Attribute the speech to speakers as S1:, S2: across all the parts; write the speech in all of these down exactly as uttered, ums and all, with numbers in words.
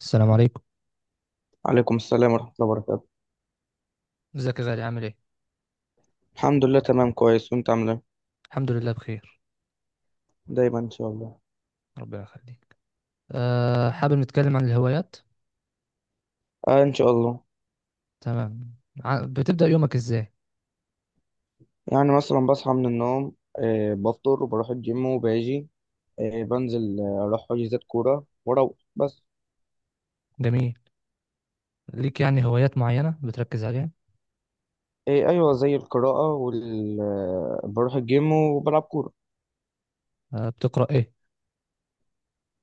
S1: السلام عليكم.
S2: عليكم السلام ورحمة الله وبركاته.
S1: ازيك يا غالي؟ عامل ايه؟
S2: الحمد لله تمام كويس، وانت عامل ايه؟
S1: الحمد لله بخير.
S2: دايما ان شاء الله.
S1: ربنا يخليك. أه حابب نتكلم عن الهوايات.
S2: آه ان شاء الله.
S1: تمام. ع- بتبدأ يومك ازاي؟
S2: يعني مثلا بصحى من النوم، آه بفطر وبروح الجيم وباجي آه بنزل، آه، اروح حجوزات كورة واروح بس.
S1: جميل. ليك يعني هوايات معينة بتركز عليها؟
S2: آه ايوه، زي القراءة وال آه، بروح الجيم وبلعب كورة.
S1: أه بتقرأ ايه؟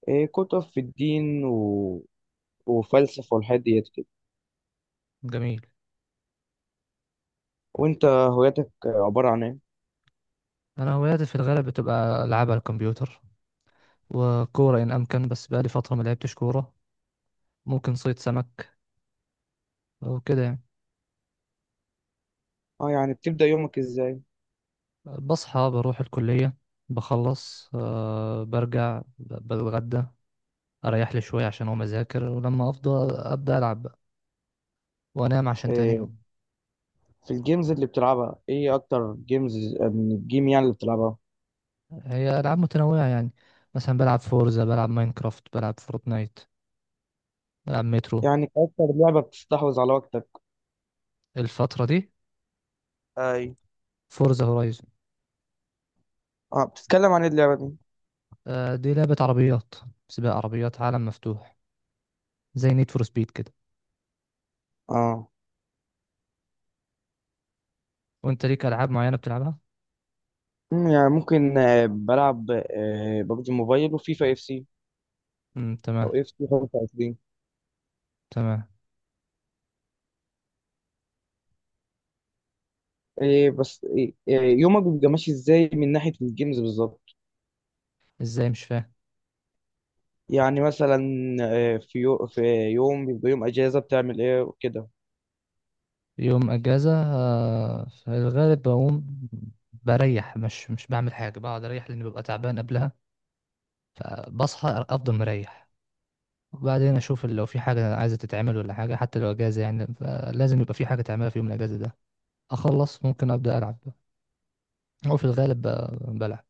S2: آه كتب في الدين و... وفلسفة والحاجات ديت كده.
S1: جميل.
S2: وانت هواياتك آه، عبارة عن ايه؟
S1: انا هواياتي في الغالب بتبقى العاب على الكمبيوتر، وكورة ان امكن، بس بقالي فترة ما لعبتش كورة. ممكن صيد سمك، وكده يعني.
S2: اه يعني بتبدأ يومك ازاي؟
S1: بصحى بروح الكلية، بخلص، أه برجع، ب- بتغدى، اريح لي شوية عشان اقوم اذاكر، ولما افضى ابدأ العب بقى، وانام عشان تاني
S2: آه.
S1: يوم.
S2: في الجيمز اللي بتلعبها، ايه اكتر جيمز من الجيم يعني اللي بتلعبها؟
S1: هي العاب متنوعه يعني، مثلا بلعب فورزا، بلعب ماينكرافت، بلعب فورتنايت، بلعب مترو.
S2: يعني أكتر لعبة بتستحوذ على وقتك.
S1: الفتره دي
S2: اي.
S1: فورزا هورايزون.
S2: اه بتتكلم عن ايه اللعبة دي؟
S1: آه، دي لعبه عربيات، سباق عربيات، عالم مفتوح، زي نيد فور سبيد كده.
S2: اه.
S1: وانت ليك العاب معينه بتلعبها؟
S2: مم، يعني ممكن آه، بلعب آه، ببجي موبايل وفيفا اف سي،
S1: امم،
S2: او
S1: تمام.
S2: اف سي خمسة وعشرين.
S1: تمام.
S2: إيه بس إيه إيه، يومك بيبقى ماشي ازاي من ناحية الجيمز بالظبط؟
S1: ازاي؟ مش فاهم.
S2: يعني مثلا آه، في يو في يوم بيبقى يوم اجازة بتعمل ايه وكده.
S1: يوم اجازه، آه، في الغالب بقوم بريح، مش مش بعمل حاجه، بقعد اريح لاني ببقى تعبان قبلها، فبصحى افضل مريح، وبعدين اشوف لو في حاجه عايزه تتعمل ولا حاجه، حتى لو اجازه يعني فلازم يبقى في حاجه تعملها في يوم الاجازه ده، اخلص ممكن ابدا العب، او في الغالب ب- بلعب.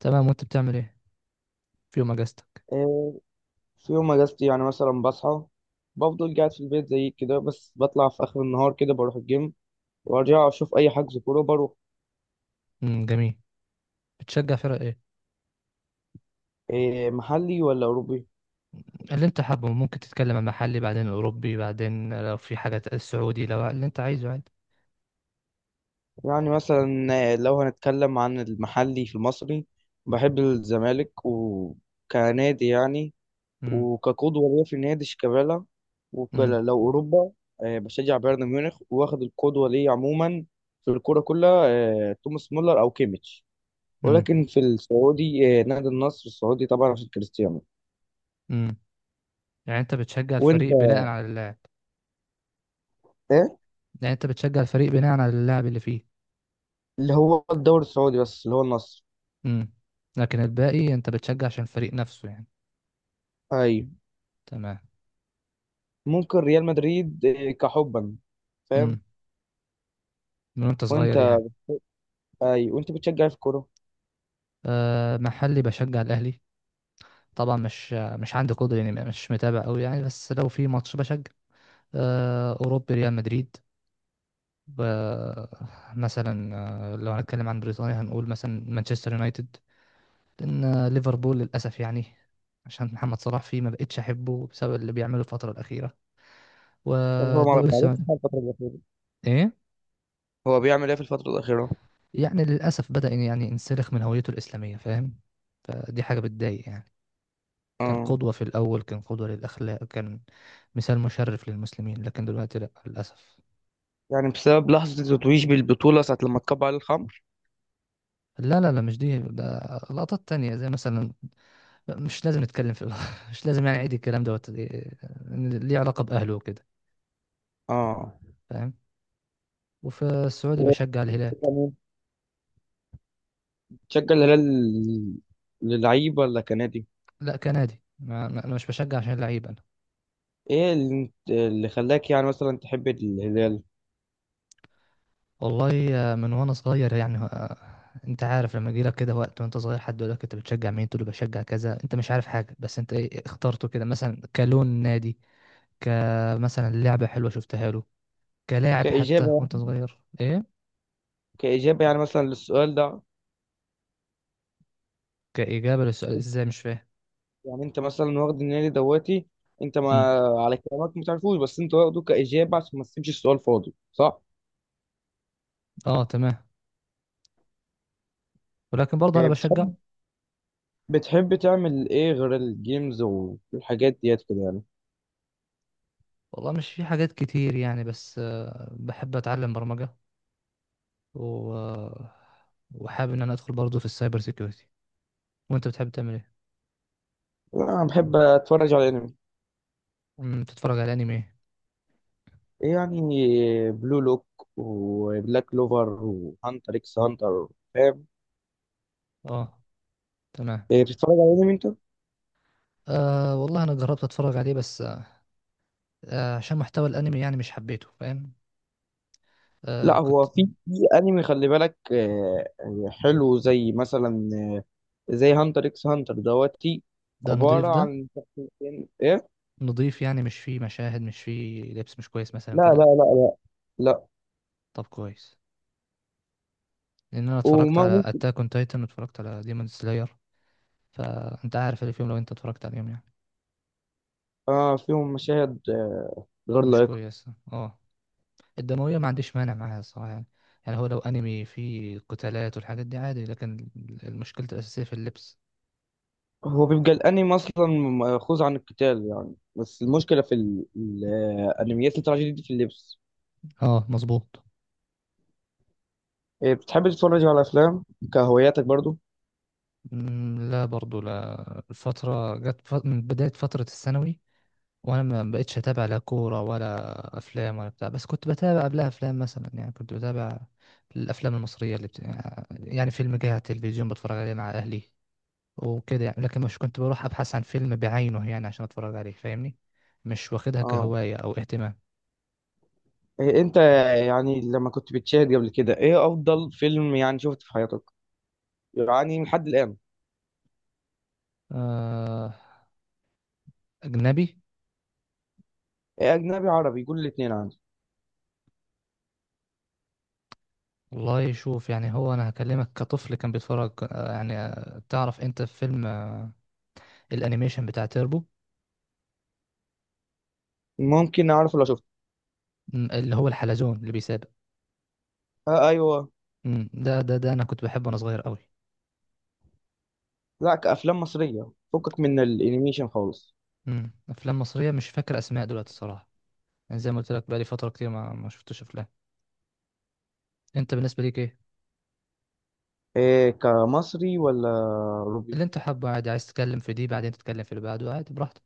S1: تمام، وانت بتعمل ايه في يوم اجازتك؟
S2: آه، في يوم اجازتي يعني مثلا بصحى، بفضل قاعد في البيت زي كده، بس بطلع في اخر النهار كده بروح الجيم، وارجع اشوف اي حجز كورة بروح.
S1: امم، جميل. بتشجع فرق ايه؟
S2: إيه، محلي ولا اوروبي؟
S1: اللي انت حابه، ممكن تتكلم عن محلي بعدين اوروبي، بعدين لو في حاجه السعودي، لو اللي انت عايزه عادي.
S2: يعني مثلا لو هنتكلم عن المحلي، في المصري بحب الزمالك وكنادي يعني،
S1: امم.
S2: وكقدوة ليا في نادي شيكابالا.
S1: امم.
S2: ولو أوروبا، آه، بشجع بايرن ميونخ، واخد القدوة ليا عموما في الكورة كلها، آه، توماس مولر أو كيميتش.
S1: امم.
S2: ولكن في السعودي آه، نادي النصر السعودي طبعا عشان كريستيانو.
S1: امم. يعني انت بتشجع
S2: وأنت.
S1: الفريق بناء على اللاعب؟
S2: إيه؟
S1: يعني انت بتشجع الفريق بناء على اللاعب اللي فيه؟
S2: اللي هو الدوري السعودي بس، اللي هو النصر.
S1: امم. لكن الباقي انت بتشجع عشان الفريق نفسه يعني؟
S2: أيوة.
S1: تمام.
S2: ممكن ريال مدريد آه، كحبا. فاهم.
S1: امم. من وانت
S2: وأنت.
S1: صغير يعني؟
S2: اي وانت بتشجع إيه في الكوره؟
S1: أه محلي بشجع الاهلي، طبعا مش مش عندي قدره يعني، مش متابع قوي يعني، بس لو في ماتش بشجع. أه اوروبي، ريال مدريد. ب- مثلا، آه، لو هنتكلم عن بريطانيا، هنقول مثلا مانشستر يونايتد، لان آه، ليفربول للاسف يعني، عشان محمد صلاح فيه، ما بقتش احبه بسبب اللي بيعمله الفتره الاخيره.
S2: طب هو ما
S1: والدوري
S2: ما عملش
S1: السعودي؟
S2: حاجه الفتره الاخيره؟
S1: ايه؟
S2: هو بيعمل ايه في الفترة الأخيرة؟
S1: يعني للاسف بدأ يعني ينسلخ من هويته الاسلاميه، فاهم؟ فدي حاجه بتضايق يعني. كان
S2: اه.
S1: قدوة في الأول، كان قدوة للأخلاق، كان مثال مشرف للمسلمين، لكن دلوقتي لأ، للأسف.
S2: يعني بسبب لحظة التتويج بالبطولة، ساعة لما اتكب على الخمر؟
S1: لا، لا، لا، مش دي، ده لقطات تانية زي مثلا، مش لازم نتكلم في مش لازم يعني أعيد الكلام، دوت إيه، ليه علاقة بأهله وكده،
S2: اه.
S1: فاهم؟ وفي السعودي
S2: و-
S1: بشجع الهلال.
S2: بتشجع مين؟ تشجع الهلال للعيبة ولا كنادي؟
S1: لا، كنادي. ما ما- أنا مش بشجع عشان لعيب أنا.
S2: ايه اللي, اللي خلاك يعني مثلا تحب الهلال؟
S1: والله آه، من وأنا صغير يعني آه، أنت عارف لما يجيلك كده وقت وأنت صغير، حد يقول لك أنت بتشجع مين، تقول له بشجع كذا، أنت مش عارف حاجة، بس أنت إيه، اخترته كده مثلا كلون نادي، كمثلا لعبة حلوة شفتها له، كلاعب حتى
S2: كإجابة.
S1: وانت صغير، ايه؟
S2: كإجابة يعني مثلا للسؤال ده.
S1: كإجابة للسؤال؟ ازاي؟ مش فاهم.
S2: يعني انت مثلا واخد النادي دواتي، انت ما
S1: مم.
S2: على كلامك ما تعرفوش، بس انت واخده كإجابة عشان ما تسيبش السؤال فاضي، صح؟
S1: اه، تمام. ولكن برضه
S2: إيه
S1: انا بشجع.
S2: بتحب بتحب تعمل ايه غير الجيمز والحاجات ديت كده يعني؟
S1: والله مش في حاجات كتير يعني، بس آه، بحب اتعلم برمجة، و... وحابب ان انا ادخل برضه في السايبر سيكيورتي. وانت بتحب تعمل ايه؟
S2: انا بحب اتفرج على انمي.
S1: مم، بتتفرج على انمي إيه؟
S2: يعني بلو لوك وبلاك كلوفر وهانتر اكس هانتر. فاهم.
S1: اه، تمام.
S2: إيه، بتتفرج على انمي انت؟
S1: آه والله انا جربت اتفرج عليه، بس آه آه، عشان محتوى الانمي يعني مش حبيته، فاهم؟ آه
S2: لا
S1: كنت
S2: هو في في انمي خلي بالك، آه، حلو زي مثلا زي هانتر اكس هانتر دوتي،
S1: ده
S2: عبارة
S1: نضيف ده؟
S2: عن شخصيتين ايه.
S1: نضيف يعني مش فيه مشاهد، مش فيه لبس مش كويس مثلا
S2: لا لا
S1: كده؟
S2: لا لا. لا.
S1: طب كويس، لان انا اتفرجت
S2: وما
S1: على
S2: ممكن.
S1: اتاك اون تايتن، واتفرجت على ديمون سلاير، فانت عارف اللي فيهم لو انت اتفرجت عليهم يعني،
S2: اه فيهم مشاهد آه، غير
S1: مش
S2: لائقة.
S1: كويس. اه، الدمويه ما عنديش مانع معاها الصراحه يعني، يعني هو لو انمي فيه قتالات والحاجات دي عادي، لكن المشكله الاساسيه في اللبس.
S2: هو بيبقى الانمي اصلا مأخوذ عن القتال يعني، بس المشكله في ال- ال- الانميات اللي طالعه جديد دي في اللبس.
S1: اه، مظبوط.
S2: إيه، بتحب تتفرج على افلام كهواياتك برضو؟
S1: مم، لا، برضو لا، الفتره جت ف- من بدايه فتره الثانوي وانا ما بقتش اتابع لا كوره ولا افلام ولا بتاع، بس كنت بتابع قبلها افلام، مثلا يعني كنت بتابع الافلام المصريه اللي بت... يعني فيلم جه على التلفزيون بتفرج عليه مع اهلي وكده يعني، لكن مش كنت بروح ابحث عن فيلم بعينه يعني عشان اتفرج عليه، فاهمني؟ مش واخدها
S2: اه.
S1: كهوايه او اهتمام.
S2: إيه انت، يعني لما كنت بتشاهد قبل كده، ايه افضل فيلم يعني شفته في حياتك يعني لحد الان؟
S1: آه... اجنبي.
S2: إيه اجنبي عربي؟ قول الاثنين عندي.
S1: والله شوف، يعني هو انا هكلمك كطفل كان بيتفرج، آه، يعني آه، تعرف انت فيلم آه، الانيميشن بتاع تيربو؟
S2: ممكن اعرف لو شفته.
S1: م، اللي هو الحلزون اللي بيسابق.
S2: آه ايوه.
S1: م، ده، ده ده انا كنت بحبه وانا صغير قوي.
S2: لا كافلام مصريه، فكك من الانيميشن خالص.
S1: امم افلام مصريه مش فاكر اسماء دلوقتي الصراحه، يعني زي ما قلت لك بقالي فتره كتير ما ما شفتش افلام. انت بالنسبه ليك ايه؟
S2: إيه كمصري ولا؟
S1: اللي انت حابه عادي، عايز تتكلم في دي بعدين تتكلم في اللي بعده، عادي براحتك.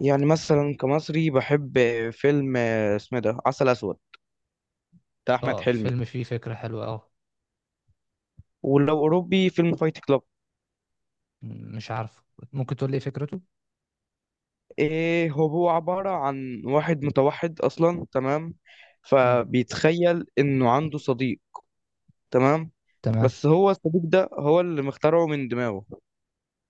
S2: يعني مثلا كمصري بحب فيلم آه، اسمه ده عسل اسود بتاع احمد
S1: اه،
S2: حلمي.
S1: فيلم فيه فكره حلوه، اه.
S2: ولو اوروبي فيلم فايت كلاب.
S1: مم، مش عارف، ممكن تقول لي ايه فكرته؟
S2: ايه هو عبارة عن واحد متوحد اصلا، تمام؟
S1: امم.
S2: فبيتخيل انه عنده صديق، تمام؟
S1: تمام.
S2: بس هو الصديق ده هو اللي مخترعه من دماغه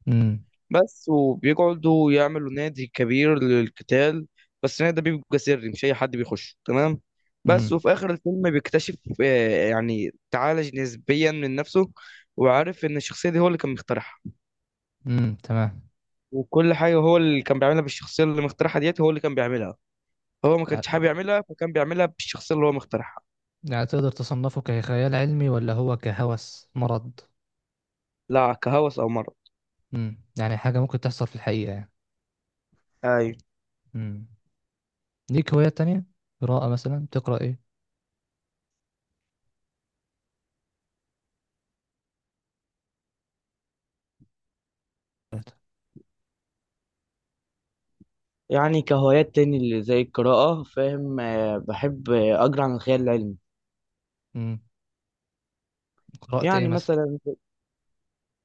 S1: امم.
S2: بس. وبيقعدوا يعملوا نادي كبير للقتال، بس النادي ده بيبقى سري، مش اي حد بيخش، تمام؟ بس.
S1: امم.
S2: وفي اخر الفيلم بيكتشف، آه، يعني تعالج نسبيا من نفسه، وعارف ان الشخصيه دي هو اللي كان مخترعها.
S1: امم. تمام.
S2: وكل حاجه هو اللي كان بيعملها بالشخصيه اللي مخترعها ديت هو اللي كان بيعملها. هو ما
S1: يعني
S2: كانش حابب يعملها فكان بيعملها بالشخصيه اللي هو مخترعها.
S1: يعني تقدر تصنفه كخيال علمي، ولا هو كهوس مرض؟
S2: لا كهوس او مرض.
S1: امم يعني حاجه ممكن تحصل في الحقيقه يعني؟
S2: ايوه.
S1: امم. ليك هوايات تانية؟ قراءه مثلا، تقرا ايه؟
S2: يعني كهوايات تاني اللي زي القراءة، فاهم، آه، بحب آه، أقرأ عن الخيال العلمي.
S1: امم قرات ايه
S2: يعني
S1: مثلا؟
S2: مثلا.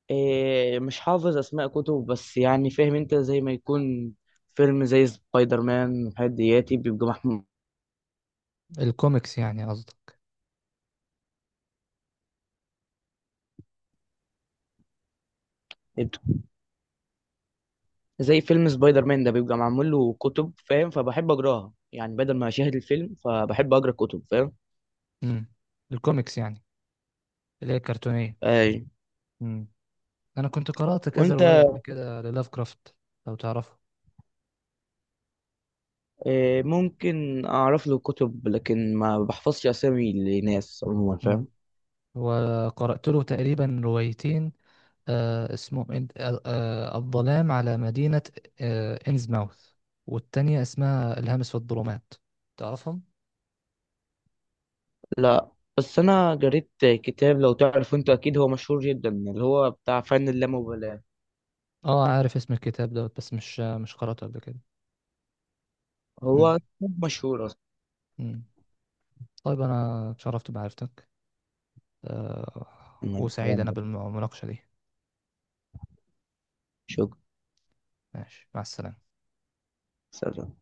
S2: إيه مش حافظ اسماء كتب، بس يعني فاهم انت زي ما يكون فيلم زي سبايدر مان والحاجات دياتي بيبقى محمول.
S1: الكوميكس يعني قصدي.
S2: زي فيلم سبايدر مان ده بيبقى معمول له كتب، فاهم، فبحب اقراها يعني بدل ما اشاهد الفيلم، فبحب اقرا كتب، فاهم.
S1: امم الكوميكس يعني، اللي هي الكرتونية.
S2: اي.
S1: امم. انا كنت قرأت كذا
S2: وانت.
S1: رواية قبل كده للاف كرافت، لو تعرفه.
S2: إيه ممكن اعرف له كتب لكن ما بحفظش اسامي لناس عموما،
S1: امم.
S2: فاهم.
S1: وقرأت له تقريبا روايتين، آه اسمهم إن- آه آه، الظلام على مدينة آه إنزماوث، والتانية اسمها الهامس في الظلمات، تعرفهم؟
S2: لا. بس انا قريت كتاب لو تعرف انت، اكيد هو مشهور جدا، اللي هو بتاع فن اللامبالاة.
S1: اه، عارف اسم الكتاب دوت، بس مش مش قرأته قبل كده. امم.
S2: هو مشهور.
S1: امم. طيب، انا اتشرفت بمعرفتك، آه
S2: أنا-
S1: وسعيد
S2: وأنا
S1: انا بالمناقشة دي.
S2: بشكر.
S1: ماشي، مع السلامة.
S2: سلام.